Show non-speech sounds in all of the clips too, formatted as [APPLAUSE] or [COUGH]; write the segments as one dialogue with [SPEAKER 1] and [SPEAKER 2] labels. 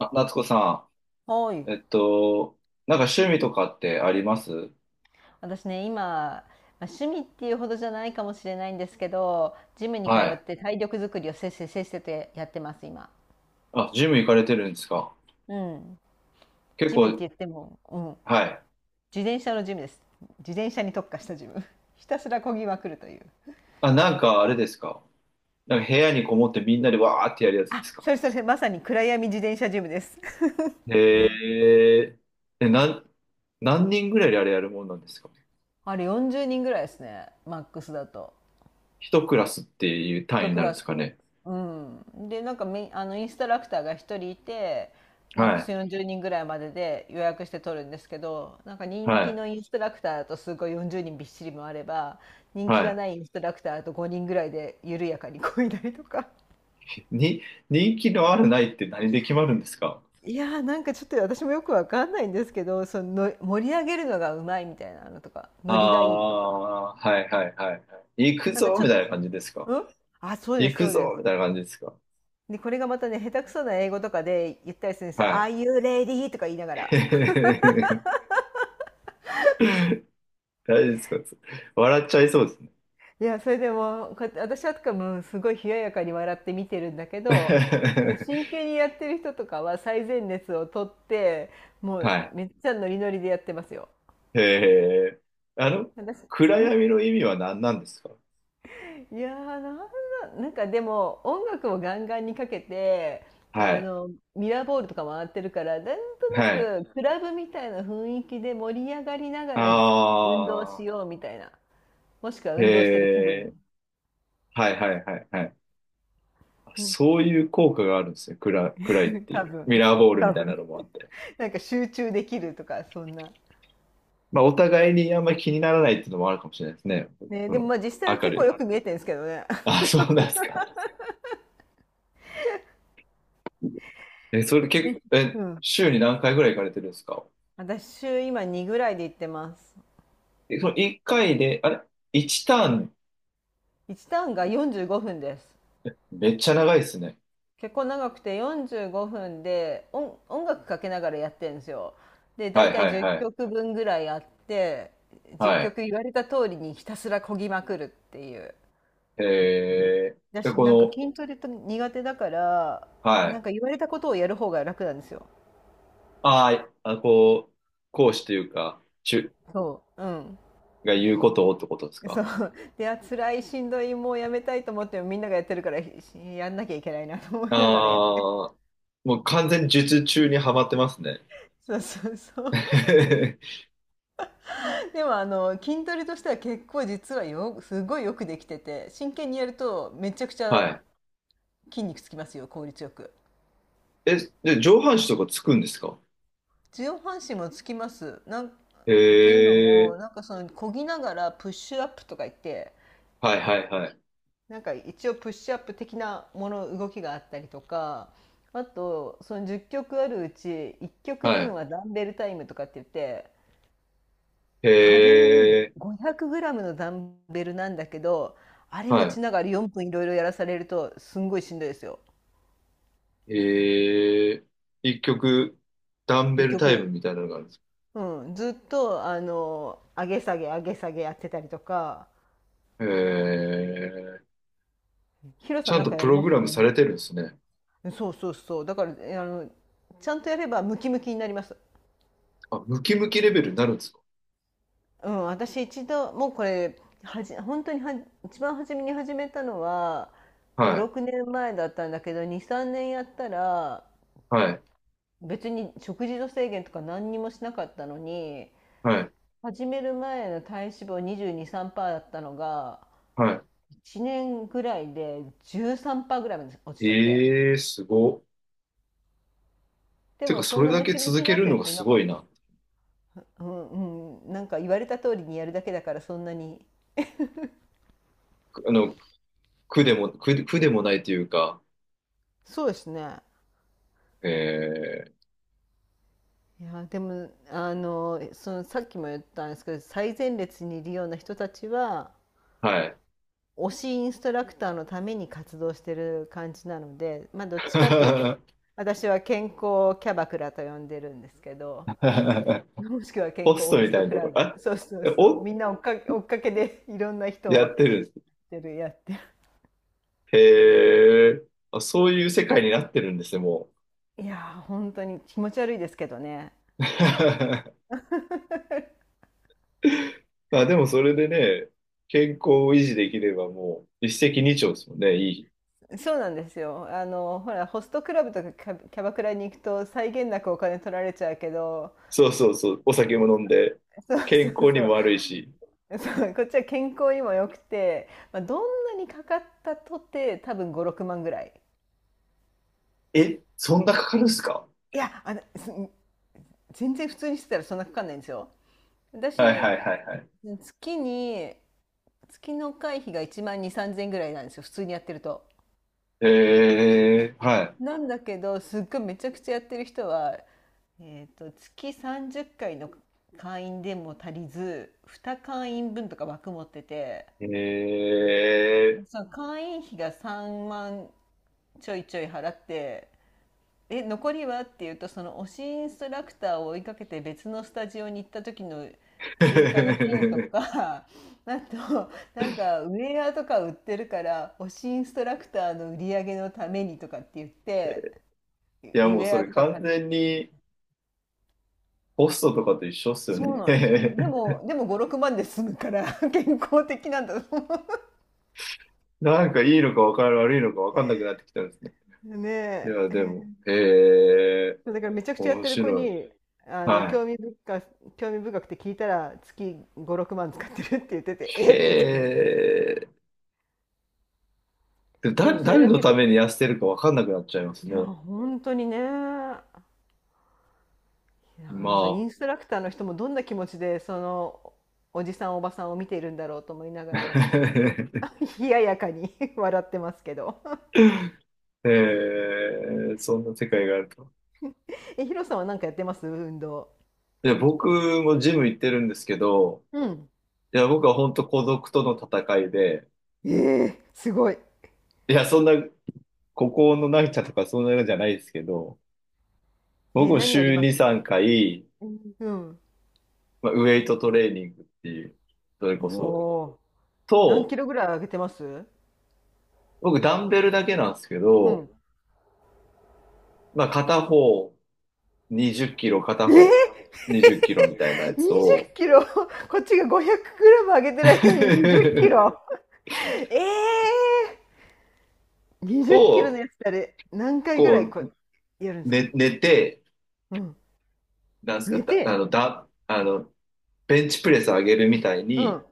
[SPEAKER 1] あ、夏子さ
[SPEAKER 2] はい。
[SPEAKER 1] ん、なんか趣味とかってあります？
[SPEAKER 2] 私ね、今、まあ、趣味っていうほどじゃないかもしれないんですけど、ジムに通
[SPEAKER 1] は
[SPEAKER 2] っ
[SPEAKER 1] い。
[SPEAKER 2] て体力作りをせっせせっせとやってます、今。
[SPEAKER 1] あ、ジム行かれてるんですか？
[SPEAKER 2] うん。
[SPEAKER 1] 結
[SPEAKER 2] ジムって
[SPEAKER 1] 構、
[SPEAKER 2] 言っても、うん。
[SPEAKER 1] はい。
[SPEAKER 2] 自転車のジムです。自転車に特化したジム。[LAUGHS] ひたすら漕ぎまくるという。
[SPEAKER 1] あ、なんかあれですか？なんか部屋にこもってみんなでわーってやるやつですか？
[SPEAKER 2] それそれ、まさに暗闇自転車ジムです。[LAUGHS]
[SPEAKER 1] へえ、え、なん、何人ぐらいであれやるもんなんですか？
[SPEAKER 2] あれ40人ぐらいですね、マックスだと。
[SPEAKER 1] 一クラスっていう単位
[SPEAKER 2] 一
[SPEAKER 1] に
[SPEAKER 2] ク
[SPEAKER 1] なるん
[SPEAKER 2] ラ
[SPEAKER 1] で
[SPEAKER 2] ス。
[SPEAKER 1] すかね？
[SPEAKER 2] うん。で、なんかみ、あの、インストラクターが一人いて、マッ
[SPEAKER 1] は
[SPEAKER 2] ク
[SPEAKER 1] い。
[SPEAKER 2] ス40人ぐらいまでで予約して取るんですけど、なんか人
[SPEAKER 1] は
[SPEAKER 2] 気
[SPEAKER 1] い。
[SPEAKER 2] のインストラクターだとすごい40人びっしりもあれば、人気が
[SPEAKER 1] は
[SPEAKER 2] ないインストラクターだと5人ぐらいで緩やかにこいだりとか。
[SPEAKER 1] い。人気のあるないって何で決まるんですか？
[SPEAKER 2] いやーなんかちょっと私もよくわかんないんですけど、その盛り上げるのがうまいみたいなのとか、ノリがいいとか。
[SPEAKER 1] ああー、はいはいはいはい。行く
[SPEAKER 2] なんか
[SPEAKER 1] ぞみたいな感じですか？
[SPEAKER 2] うん、あ、そうで
[SPEAKER 1] 行
[SPEAKER 2] す、そ
[SPEAKER 1] く
[SPEAKER 2] うで
[SPEAKER 1] ぞ
[SPEAKER 2] す。
[SPEAKER 1] みたいな感じですか？
[SPEAKER 2] で、これがまたね、下手くそな英語とかで言ったりするんですよ。
[SPEAKER 1] はい。
[SPEAKER 2] Are you ready? とか言いながら。
[SPEAKER 1] [LAUGHS] 大丈夫ですか？笑っちゃいそうですね。
[SPEAKER 2] いや、それでも、こうやって私はとかもすごい冷ややかに笑って見てるんだけど、ね真
[SPEAKER 1] [LAUGHS]
[SPEAKER 2] 剣にやってる人とかは最前列を取って、もう
[SPEAKER 1] は
[SPEAKER 2] めっちゃノリノリでやってますよ。
[SPEAKER 1] い。へえ。あの、
[SPEAKER 2] 私、
[SPEAKER 1] 暗
[SPEAKER 2] ん
[SPEAKER 1] 闇の意味は何なんですか？
[SPEAKER 2] いやー、なんかでも音楽をガンガンにかけて、
[SPEAKER 1] は
[SPEAKER 2] あ
[SPEAKER 1] い。
[SPEAKER 2] の、ミラーボールとか回ってるから、なんと
[SPEAKER 1] はい。
[SPEAKER 2] なくクラブみたいな雰囲気で盛り上がりなが
[SPEAKER 1] あ
[SPEAKER 2] ら運動しようみたいな。もしくは
[SPEAKER 1] あ、へ
[SPEAKER 2] 運動してる気
[SPEAKER 1] え。
[SPEAKER 2] 分。
[SPEAKER 1] はいはいはいはい。
[SPEAKER 2] うん、
[SPEAKER 1] そういう効果があるんですね。暗いって
[SPEAKER 2] 多
[SPEAKER 1] いう。
[SPEAKER 2] 分、
[SPEAKER 1] ミラーボールみ
[SPEAKER 2] 多
[SPEAKER 1] たいな
[SPEAKER 2] 分。
[SPEAKER 1] のもあって。
[SPEAKER 2] [LAUGHS] なんか集中できるとか、そんな。
[SPEAKER 1] まあ、お互いにあんまり気にならないっていうのもあるかもしれないですね。
[SPEAKER 2] ね、
[SPEAKER 1] こ
[SPEAKER 2] でも
[SPEAKER 1] の、
[SPEAKER 2] まあ実際は
[SPEAKER 1] 明
[SPEAKER 2] 結
[SPEAKER 1] る
[SPEAKER 2] 構よく見
[SPEAKER 1] い。
[SPEAKER 2] えてるんですけどね。
[SPEAKER 1] あ、
[SPEAKER 2] [LAUGHS]
[SPEAKER 1] そうなんですか。え、それ結構、
[SPEAKER 2] うん。
[SPEAKER 1] 週に何回ぐらい行かれてるんですか？
[SPEAKER 2] 私週今2ぐらいで行ってます。
[SPEAKER 1] え、その1回で、あれ？ 1
[SPEAKER 2] い
[SPEAKER 1] ターン？
[SPEAKER 2] 1ターンが45分です。
[SPEAKER 1] めっちゃ長いですね。
[SPEAKER 2] 結構長くて45分で音楽かけながらやってるんですよ。で、
[SPEAKER 1] は
[SPEAKER 2] 大
[SPEAKER 1] いは
[SPEAKER 2] 体
[SPEAKER 1] い
[SPEAKER 2] 10
[SPEAKER 1] はい。
[SPEAKER 2] 曲分ぐらいあって、10
[SPEAKER 1] はい。
[SPEAKER 2] 曲言われた通りにひたすらこぎまくるっていう。
[SPEAKER 1] えで、
[SPEAKER 2] 私
[SPEAKER 1] こ
[SPEAKER 2] なんか
[SPEAKER 1] の、
[SPEAKER 2] 筋トレと苦手だから、
[SPEAKER 1] は
[SPEAKER 2] なん
[SPEAKER 1] い。
[SPEAKER 2] か言われたことをやる方が楽なんですよ。
[SPEAKER 1] あーあ、こう、講師というか、中
[SPEAKER 2] そう。うん。
[SPEAKER 1] が言うことをってことです
[SPEAKER 2] [LAUGHS] そ
[SPEAKER 1] か？
[SPEAKER 2] うであ辛いしんどいもうやめたいと思ってもみんながやってるからしやんなきゃいけないなと思
[SPEAKER 1] あ
[SPEAKER 2] いながらやって。
[SPEAKER 1] あー、もう完全に術中にはまってますね。
[SPEAKER 2] [LAUGHS] そうそうそう。
[SPEAKER 1] [LAUGHS]
[SPEAKER 2] [LAUGHS] でも筋トレとしては結構実はすごいよくできてて、真剣にやるとめちゃくちゃ
[SPEAKER 1] はい。
[SPEAKER 2] 筋肉つきますよ、効率よく。
[SPEAKER 1] え、で、上半身とかつくんですか？
[SPEAKER 2] 上半身もつきます。なんっていうの
[SPEAKER 1] へえ、
[SPEAKER 2] もなんか、その漕ぎながらプッシュアップとか言って、
[SPEAKER 1] はいはいはい。
[SPEAKER 2] なんか一応プッシュアップ的なもの、動きがあったりとか、あとその10曲あるうち1曲
[SPEAKER 1] はい。
[SPEAKER 2] 分はダンベルタイムとかって言って、
[SPEAKER 1] へ
[SPEAKER 2] 軽い
[SPEAKER 1] え、
[SPEAKER 2] 500g のダンベルなんだけど、あれ
[SPEAKER 1] は
[SPEAKER 2] 持ち
[SPEAKER 1] い。
[SPEAKER 2] ながら4分いろいろやらされるとすんごいしんどいですよ。
[SPEAKER 1] ええ、一曲、ダン
[SPEAKER 2] 一
[SPEAKER 1] ベルタイ
[SPEAKER 2] 曲。
[SPEAKER 1] ムみたいなのがあるんです？
[SPEAKER 2] うん、ずっと上げ下げ上げ下げやってたりとか。
[SPEAKER 1] ええ、
[SPEAKER 2] ヒロ
[SPEAKER 1] ち
[SPEAKER 2] さ
[SPEAKER 1] ゃ
[SPEAKER 2] ん
[SPEAKER 1] ん
[SPEAKER 2] なん
[SPEAKER 1] と
[SPEAKER 2] かや
[SPEAKER 1] プ
[SPEAKER 2] り
[SPEAKER 1] ロ
[SPEAKER 2] ます？
[SPEAKER 1] グラム
[SPEAKER 2] 運
[SPEAKER 1] さ
[SPEAKER 2] 動。
[SPEAKER 1] れてるんですね。
[SPEAKER 2] そうそうそう。だからあのちゃんとやればムキムキになります。
[SPEAKER 1] あ、ムキムキレベルになるんですか？
[SPEAKER 2] うん、私一度もうこれ本当には一番初めに始めたのは
[SPEAKER 1] はい、
[SPEAKER 2] 56年前だったんだけど、23年やったら、
[SPEAKER 1] はい、
[SPEAKER 2] 別に食事の制限とか何にもしなかったのに、
[SPEAKER 1] はい、
[SPEAKER 2] 始める前の体脂肪2223%だったのが
[SPEAKER 1] は
[SPEAKER 2] 1年ぐらいで13%ぐらいまで落ち
[SPEAKER 1] い。
[SPEAKER 2] ちゃって、
[SPEAKER 1] ええ、すごっ。
[SPEAKER 2] で
[SPEAKER 1] てか、
[SPEAKER 2] もそ
[SPEAKER 1] そ
[SPEAKER 2] ん
[SPEAKER 1] れ
[SPEAKER 2] な
[SPEAKER 1] だ
[SPEAKER 2] ム
[SPEAKER 1] け
[SPEAKER 2] キム
[SPEAKER 1] 続
[SPEAKER 2] キに
[SPEAKER 1] け
[SPEAKER 2] なっ
[SPEAKER 1] る
[SPEAKER 2] てる
[SPEAKER 1] のが
[SPEAKER 2] 人い
[SPEAKER 1] す
[SPEAKER 2] なか
[SPEAKER 1] ご
[SPEAKER 2] っ
[SPEAKER 1] い
[SPEAKER 2] た。
[SPEAKER 1] な。
[SPEAKER 2] うんうん、なんか言われた通りにやるだけだからそんなに。
[SPEAKER 1] あの、苦でもないというか、
[SPEAKER 2] そうですね。
[SPEAKER 1] ええ、
[SPEAKER 2] いやでも、さっきも言ったんですけど、最前列にいるような人たちは
[SPEAKER 1] はい。
[SPEAKER 2] 推しインストラクターのために活動してる感じなので、まあどっちかっていうと
[SPEAKER 1] [LAUGHS]
[SPEAKER 2] 私は健康キャバクラと呼んでるんですけど、もしくは健
[SPEAKER 1] ポス
[SPEAKER 2] 康
[SPEAKER 1] ト
[SPEAKER 2] ホ
[SPEAKER 1] み
[SPEAKER 2] ス
[SPEAKER 1] た
[SPEAKER 2] ト
[SPEAKER 1] いな
[SPEAKER 2] ク
[SPEAKER 1] とこ
[SPEAKER 2] ラ
[SPEAKER 1] ろ、
[SPEAKER 2] ブ。
[SPEAKER 1] あ、
[SPEAKER 2] そうそう
[SPEAKER 1] え
[SPEAKER 2] そう、
[SPEAKER 1] お、
[SPEAKER 2] みんな追っかけ追っかけでいろんな人を
[SPEAKER 1] や
[SPEAKER 2] やっ
[SPEAKER 1] ってるんです。
[SPEAKER 2] てるやってる。
[SPEAKER 1] へえ、あ、そういう世界になってるんですね、も
[SPEAKER 2] いやー本当に気持ち悪いですけどね。
[SPEAKER 1] う。[LAUGHS]
[SPEAKER 2] [LAUGHS]
[SPEAKER 1] [LAUGHS] まあでもそれでね、健康を維持できればもう一石二鳥ですもんね、いい。
[SPEAKER 2] そうなんですよ。あの、ほら、ホストクラブとかキャバクラに行くと際限なくお金取られちゃうけど、
[SPEAKER 1] そうそうそう、お酒も飲んで、
[SPEAKER 2] そうそ
[SPEAKER 1] 健
[SPEAKER 2] う
[SPEAKER 1] 康に
[SPEAKER 2] そ
[SPEAKER 1] も
[SPEAKER 2] う
[SPEAKER 1] 悪いし。
[SPEAKER 2] そう、こっちは健康にも良くて、まあ、どんなにかかったとて多分56万ぐらい。
[SPEAKER 1] え、そんなかかるんすか？
[SPEAKER 2] いや、あのす全然普通にしてたらそんなかかんないんですよ、私。
[SPEAKER 1] はいはいはいはい。
[SPEAKER 2] 月に月の会費が1万2 3 0 0 0ぐらいなんですよ、普通にやってると。
[SPEAKER 1] えー、は
[SPEAKER 2] なんだけど、すっごいめちゃくちゃやってる人は、月30回の会員でも足りず、2会員分とか枠持ってて、
[SPEAKER 1] い。え
[SPEAKER 2] その会員費が3万ちょいちょい払って、「え、残りは?」って言うと、その推しインストラクターを追いかけて別のスタジオに行った時の追加のフィーと
[SPEAKER 1] ー。
[SPEAKER 2] か。 [LAUGHS] あとなんかウェアとか売ってるから推しインストラクターの売り上げのためにとかって言ってウ
[SPEAKER 1] [LAUGHS] いやもうそ
[SPEAKER 2] ェア
[SPEAKER 1] れ
[SPEAKER 2] とか
[SPEAKER 1] 完
[SPEAKER 2] 買って。
[SPEAKER 1] 全にホストとかと一緒っすよ
[SPEAKER 2] そう
[SPEAKER 1] ね。
[SPEAKER 2] なんですよ。でも5、6万で済むから [LAUGHS] 健康的なんだと思
[SPEAKER 1] [LAUGHS] なんかいいのか分かる、悪いのか分かんなくなってきたんですね。
[SPEAKER 2] う。ね
[SPEAKER 1] いや
[SPEAKER 2] え。
[SPEAKER 1] でも、ー、
[SPEAKER 2] そうだから、めちゃくちゃやっ
[SPEAKER 1] 面
[SPEAKER 2] てる子
[SPEAKER 1] 白い。
[SPEAKER 2] に、あの、
[SPEAKER 1] はい。
[SPEAKER 2] 興味深くて聞いたら、月5、6万使ってるって言ってて、[LAUGHS]
[SPEAKER 1] へ
[SPEAKER 2] えって言って。
[SPEAKER 1] え、でも
[SPEAKER 2] でもそれ
[SPEAKER 1] 誰
[SPEAKER 2] だ
[SPEAKER 1] の
[SPEAKER 2] け
[SPEAKER 1] ため
[SPEAKER 2] で、
[SPEAKER 1] に痩せてるかわかんなくなっちゃいます
[SPEAKER 2] いや、
[SPEAKER 1] ね。
[SPEAKER 2] 本当にね、だか
[SPEAKER 1] ま
[SPEAKER 2] ら、そのインストラクターの人もどんな気持ちで、おじさんおばさんを見ているんだろうと思いながら、私は
[SPEAKER 1] あ。[LAUGHS]
[SPEAKER 2] [LAUGHS] 冷ややかに [LAUGHS] 笑ってますけど。
[SPEAKER 1] へえ、そんな世界があると。
[SPEAKER 2] ヒロさんは何かやってます？運動。
[SPEAKER 1] いや、僕もジム行ってるんですけど、
[SPEAKER 2] うん。
[SPEAKER 1] いや、僕は本当孤独との戦いで、
[SPEAKER 2] ええ、すごい。
[SPEAKER 1] いや、そんな、孤高の成田とかそんなのじゃないですけど、僕も
[SPEAKER 2] 何やり
[SPEAKER 1] 週
[SPEAKER 2] ます？
[SPEAKER 1] 2、3回、
[SPEAKER 2] うん、うん。
[SPEAKER 1] まあ、ウェイトトレーニングっていう、それこそ、
[SPEAKER 2] おー、何キ
[SPEAKER 1] と、
[SPEAKER 2] ロぐらい上げてます？
[SPEAKER 1] 僕ダンベルだけなんですけ
[SPEAKER 2] う
[SPEAKER 1] ど、
[SPEAKER 2] ん。
[SPEAKER 1] まあ、片方20キロ片
[SPEAKER 2] えー、20
[SPEAKER 1] 方、20キロみたいなやつを、
[SPEAKER 2] キロ [LAUGHS] こっちが500グラム上げてる間に20キ
[SPEAKER 1] [LAUGHS]
[SPEAKER 2] ロえ20キロの
[SPEAKER 1] を、
[SPEAKER 2] やつってあれ何回ぐらい
[SPEAKER 1] こ
[SPEAKER 2] こ
[SPEAKER 1] う、
[SPEAKER 2] うやるんですか？
[SPEAKER 1] 寝て、
[SPEAKER 2] うん。
[SPEAKER 1] なんですか、
[SPEAKER 2] 寝
[SPEAKER 1] だ、あ
[SPEAKER 2] て。
[SPEAKER 1] の、だ、あの、ベンチプレス上げるみたい
[SPEAKER 2] う
[SPEAKER 1] に、
[SPEAKER 2] ん。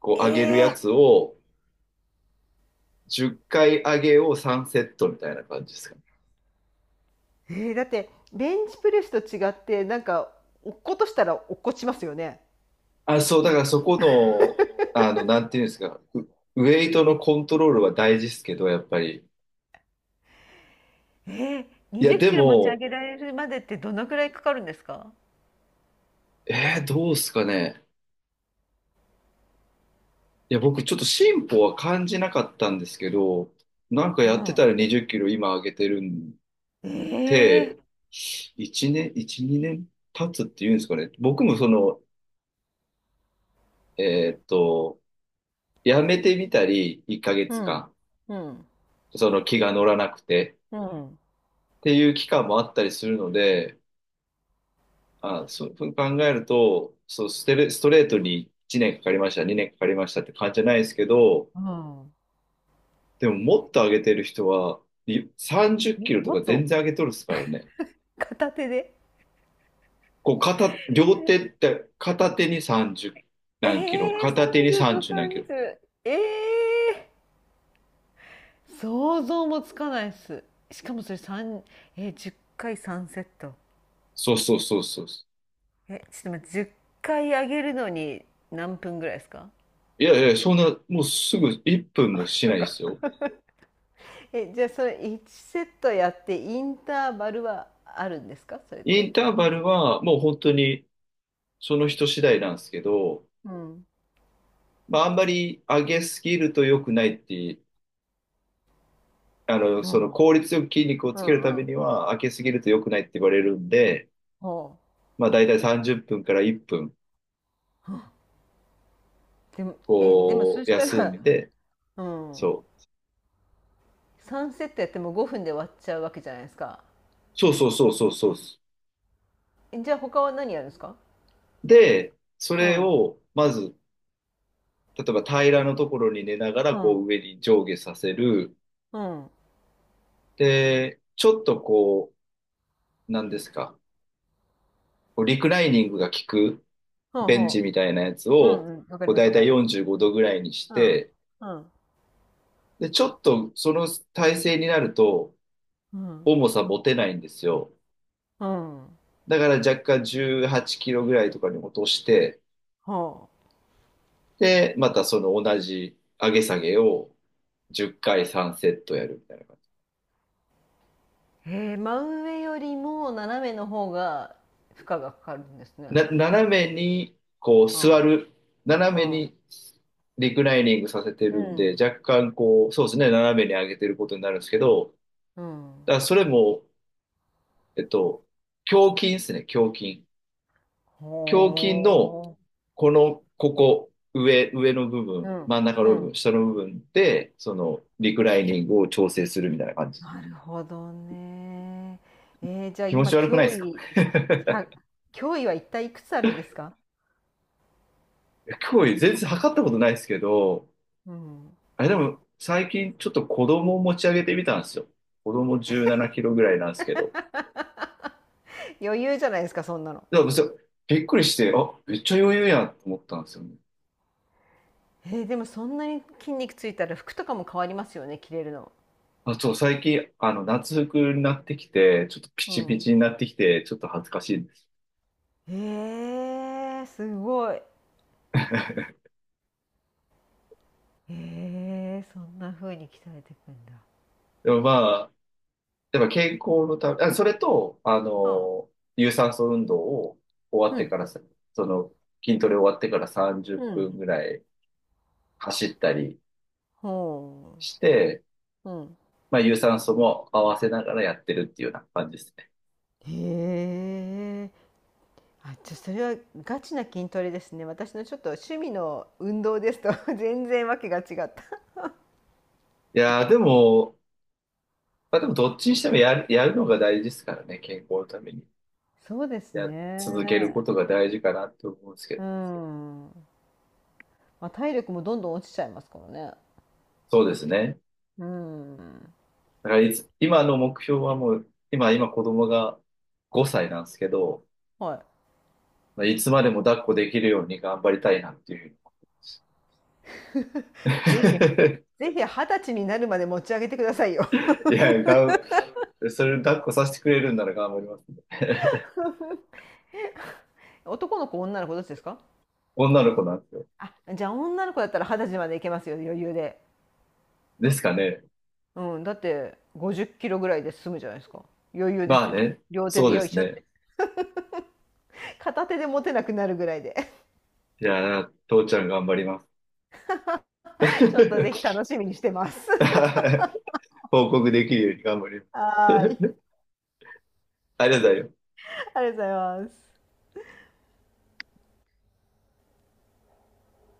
[SPEAKER 1] こう上げる
[SPEAKER 2] え
[SPEAKER 1] や
[SPEAKER 2] ー、
[SPEAKER 1] つを、10回上げを3セットみたいな感じですかね。
[SPEAKER 2] だって、ベンチプレスと違ってなんか落っことしたら落っこちますよね。
[SPEAKER 1] あ、そう、だからそこの、なんていうんですか、ウェイトのコントロールは大事ですけど、やっぱり。い
[SPEAKER 2] 20
[SPEAKER 1] や、
[SPEAKER 2] キ
[SPEAKER 1] で
[SPEAKER 2] ロ持ち上
[SPEAKER 1] も、
[SPEAKER 2] げられるまでってどのくらいかかるんですか？
[SPEAKER 1] どうですかね。いや、僕ちょっと進歩は感じなかったんですけど、なんかや
[SPEAKER 2] う
[SPEAKER 1] ってた
[SPEAKER 2] ん。
[SPEAKER 1] ら20キロ今上げてるん
[SPEAKER 2] ええー。
[SPEAKER 1] で、1年、1、2年経つっていうんですかね。僕もその、えーっと、やめてみたり、1ヶ
[SPEAKER 2] う
[SPEAKER 1] 月
[SPEAKER 2] んうん
[SPEAKER 1] 間、その気が乗らなくて
[SPEAKER 2] うん
[SPEAKER 1] っていう期間もあったりするので、あ、そう考えると、そう、ストレートに1年かかりました、2年かかりましたって感じじゃないですけど、
[SPEAKER 2] うん。
[SPEAKER 1] でももっと上げてる人は、30キロと
[SPEAKER 2] も
[SPEAKER 1] か
[SPEAKER 2] っと。
[SPEAKER 1] 全然上げとるっすからね。
[SPEAKER 2] 片手で。
[SPEAKER 1] こう両手って片手に30
[SPEAKER 2] え
[SPEAKER 1] 何キロ、
[SPEAKER 2] えー、
[SPEAKER 1] 片手に
[SPEAKER 2] 30と
[SPEAKER 1] 30何キロ。
[SPEAKER 2] 30。ええー、想像もつかないっす。しかもそれ三えー、10回3セット。
[SPEAKER 1] そうそうそうそう。
[SPEAKER 2] え、ちょっと待って、10回上げるのに何分ぐらいですか？
[SPEAKER 1] いやいや、そんな、もうすぐ1分もし
[SPEAKER 2] そ
[SPEAKER 1] な
[SPEAKER 2] っ
[SPEAKER 1] いで
[SPEAKER 2] か。
[SPEAKER 1] すよ。
[SPEAKER 2] え、じゃあそれ1セットやってインターバルはあるんですかそれっ
[SPEAKER 1] イ
[SPEAKER 2] て。
[SPEAKER 1] ンターバルはもう本当にその人次第なんですけど、
[SPEAKER 2] うん。
[SPEAKER 1] まああんまり上げすぎると良くないって、
[SPEAKER 2] ほ
[SPEAKER 1] その
[SPEAKER 2] う。
[SPEAKER 1] 効率よく筋肉を
[SPEAKER 2] う
[SPEAKER 1] つけるた
[SPEAKER 2] んう
[SPEAKER 1] め
[SPEAKER 2] ん。
[SPEAKER 1] には上げすぎると良くないって言われるんで、
[SPEAKER 2] ほ
[SPEAKER 1] まあだいたい30分から1分、
[SPEAKER 2] う。でも
[SPEAKER 1] こ
[SPEAKER 2] そ
[SPEAKER 1] う、
[SPEAKER 2] した
[SPEAKER 1] 休
[SPEAKER 2] ら、
[SPEAKER 1] んで、
[SPEAKER 2] うん、
[SPEAKER 1] そう。
[SPEAKER 2] 3セットやっても5分で終わっちゃうわけじゃないですか。
[SPEAKER 1] そうそうそうそうそう。
[SPEAKER 2] じゃあ他は何やるんですか？
[SPEAKER 1] で、そ
[SPEAKER 2] う
[SPEAKER 1] れ
[SPEAKER 2] ん。
[SPEAKER 1] を、まず、例えば平らのところに寝ながら、
[SPEAKER 2] う
[SPEAKER 1] こう
[SPEAKER 2] ん。
[SPEAKER 1] 上に上下させる。
[SPEAKER 2] うん。
[SPEAKER 1] で、ちょっとこう、なんですか、こうリクライニングが効く
[SPEAKER 2] ほう
[SPEAKER 1] ベンチ
[SPEAKER 2] ほ
[SPEAKER 1] みたいなやつ
[SPEAKER 2] う。うん
[SPEAKER 1] を、
[SPEAKER 2] うん。わか
[SPEAKER 1] こ
[SPEAKER 2] り
[SPEAKER 1] う
[SPEAKER 2] ま
[SPEAKER 1] だ
[SPEAKER 2] す、
[SPEAKER 1] い
[SPEAKER 2] わ
[SPEAKER 1] た
[SPEAKER 2] か
[SPEAKER 1] い
[SPEAKER 2] ります。
[SPEAKER 1] 45度ぐらいにし
[SPEAKER 2] うん。
[SPEAKER 1] て、
[SPEAKER 2] うん。
[SPEAKER 1] で、ちょっとその体勢になると、
[SPEAKER 2] うん。
[SPEAKER 1] 重さ持てないんですよ。
[SPEAKER 2] うん。
[SPEAKER 1] だから若干18キロぐらいとかに落として、
[SPEAKER 2] ほ
[SPEAKER 1] で、またその同じ上げ下げを10回3セットやるみたいな。
[SPEAKER 2] う。へえ、真上よりも斜めの方が負荷がかかるんですね。
[SPEAKER 1] 斜めにこう
[SPEAKER 2] う
[SPEAKER 1] 座
[SPEAKER 2] ん。
[SPEAKER 1] る、
[SPEAKER 2] う
[SPEAKER 1] 斜めに
[SPEAKER 2] ん。
[SPEAKER 1] リクライニングさせて
[SPEAKER 2] う
[SPEAKER 1] るんで、
[SPEAKER 2] ん。
[SPEAKER 1] 若干こう、そうですね、斜めに上げてることになるんですけど、
[SPEAKER 2] うん。
[SPEAKER 1] だからそれも、えっと、胸筋ですね、胸筋。
[SPEAKER 2] ほ
[SPEAKER 1] 胸筋の、この、ここ、上の部
[SPEAKER 2] う。う
[SPEAKER 1] 分、
[SPEAKER 2] ん。
[SPEAKER 1] 真ん中
[SPEAKER 2] う
[SPEAKER 1] の部分、
[SPEAKER 2] ん。
[SPEAKER 1] 下の部分で、その、リクライニングを調整するみたいな感じ。
[SPEAKER 2] なるほどね。じゃあ
[SPEAKER 1] 気持
[SPEAKER 2] 今、
[SPEAKER 1] ち悪くないですか？ [LAUGHS]
[SPEAKER 2] 1脅威は一体いくつあるんですか？
[SPEAKER 1] すごい [LAUGHS] 全然測ったことないですけど、
[SPEAKER 2] うん。
[SPEAKER 1] あれでも、最近ちょっと子供を持ち上げてみたんですよ。子供17キロぐらいなんですけど。
[SPEAKER 2] 余裕じゃないですか、そんなの。
[SPEAKER 1] でもそう、びっくりして、あ、めっちゃ余裕やと思ったんですよね。
[SPEAKER 2] でもそんなに筋肉ついたら服とかも変わりますよね、着れるの。
[SPEAKER 1] あ、そう、最近、夏服になってきて、ちょっとピ
[SPEAKER 2] う
[SPEAKER 1] チピ
[SPEAKER 2] ん。
[SPEAKER 1] チになってきて、ちょっと恥ずかしいです。
[SPEAKER 2] へえ、すごい。へえ、そんな風に鍛えていくんだ。
[SPEAKER 1] でもまあ、やっぱ健康のため、あ、それと、
[SPEAKER 2] うん。
[SPEAKER 1] 有酸素運動を終わ
[SPEAKER 2] う
[SPEAKER 1] って
[SPEAKER 2] ん。
[SPEAKER 1] からさ、その、筋トレ終わってから30
[SPEAKER 2] う
[SPEAKER 1] 分
[SPEAKER 2] ん。
[SPEAKER 1] ぐらい走ったり
[SPEAKER 2] ほ
[SPEAKER 1] して、
[SPEAKER 2] ううん。
[SPEAKER 1] まあ、有酸素も合わせながらやってるっていうような感じです。
[SPEAKER 2] へえ。あ、じゃ、それはガチな筋トレですね。私のちょっと趣味の運動ですと [LAUGHS] 全然わけが違った。
[SPEAKER 1] いやー、でも、まあでもどっちにしてもやる、のが大事ですからね、健康のために。
[SPEAKER 2] そうです
[SPEAKER 1] や、続けるこ
[SPEAKER 2] ね。
[SPEAKER 1] とが大事かなって思うんですけ
[SPEAKER 2] う
[SPEAKER 1] ど。
[SPEAKER 2] ん。まあ、体力もどんどん落ちちゃいますからね。
[SPEAKER 1] そうですね。
[SPEAKER 2] うん。
[SPEAKER 1] だからいつ、今の目標はもう、今子供が5歳なんですけど、
[SPEAKER 2] はい。
[SPEAKER 1] まあ、いつまでも抱っこできるように頑張りたいなっていうふうに
[SPEAKER 2] [LAUGHS] ぜひ、ぜひ二十歳になるまで持ち上げてくださいよ。
[SPEAKER 1] [LAUGHS] いや、それ抱っこさせてくれるんなら頑張りますね。
[SPEAKER 2] 男の子女の子どっちですか？
[SPEAKER 1] [LAUGHS] 女の子なんですよ。
[SPEAKER 2] あ、じゃあ女の子だったら二十歳までいけますよ、余裕で。
[SPEAKER 1] ですかね。
[SPEAKER 2] うん、だって5 0キロぐらいで済むじゃないですか。余裕で
[SPEAKER 1] ま
[SPEAKER 2] す
[SPEAKER 1] あ
[SPEAKER 2] よ、
[SPEAKER 1] ね。
[SPEAKER 2] 両手
[SPEAKER 1] そう
[SPEAKER 2] で
[SPEAKER 1] で
[SPEAKER 2] よい
[SPEAKER 1] す
[SPEAKER 2] しょっ
[SPEAKER 1] ね。
[SPEAKER 2] て。片手で持てなくなるぐらいで。
[SPEAKER 1] いやー、父ちゃん頑張ります。
[SPEAKER 2] [LAUGHS] ちょっとぜひ
[SPEAKER 1] [LAUGHS]
[SPEAKER 2] 楽しみにしてます。
[SPEAKER 1] [LAUGHS] 報告できるように頑張り
[SPEAKER 2] [LAUGHS] はーい、
[SPEAKER 1] ます。[LAUGHS] ありがとうございます。
[SPEAKER 2] ありがとうございます。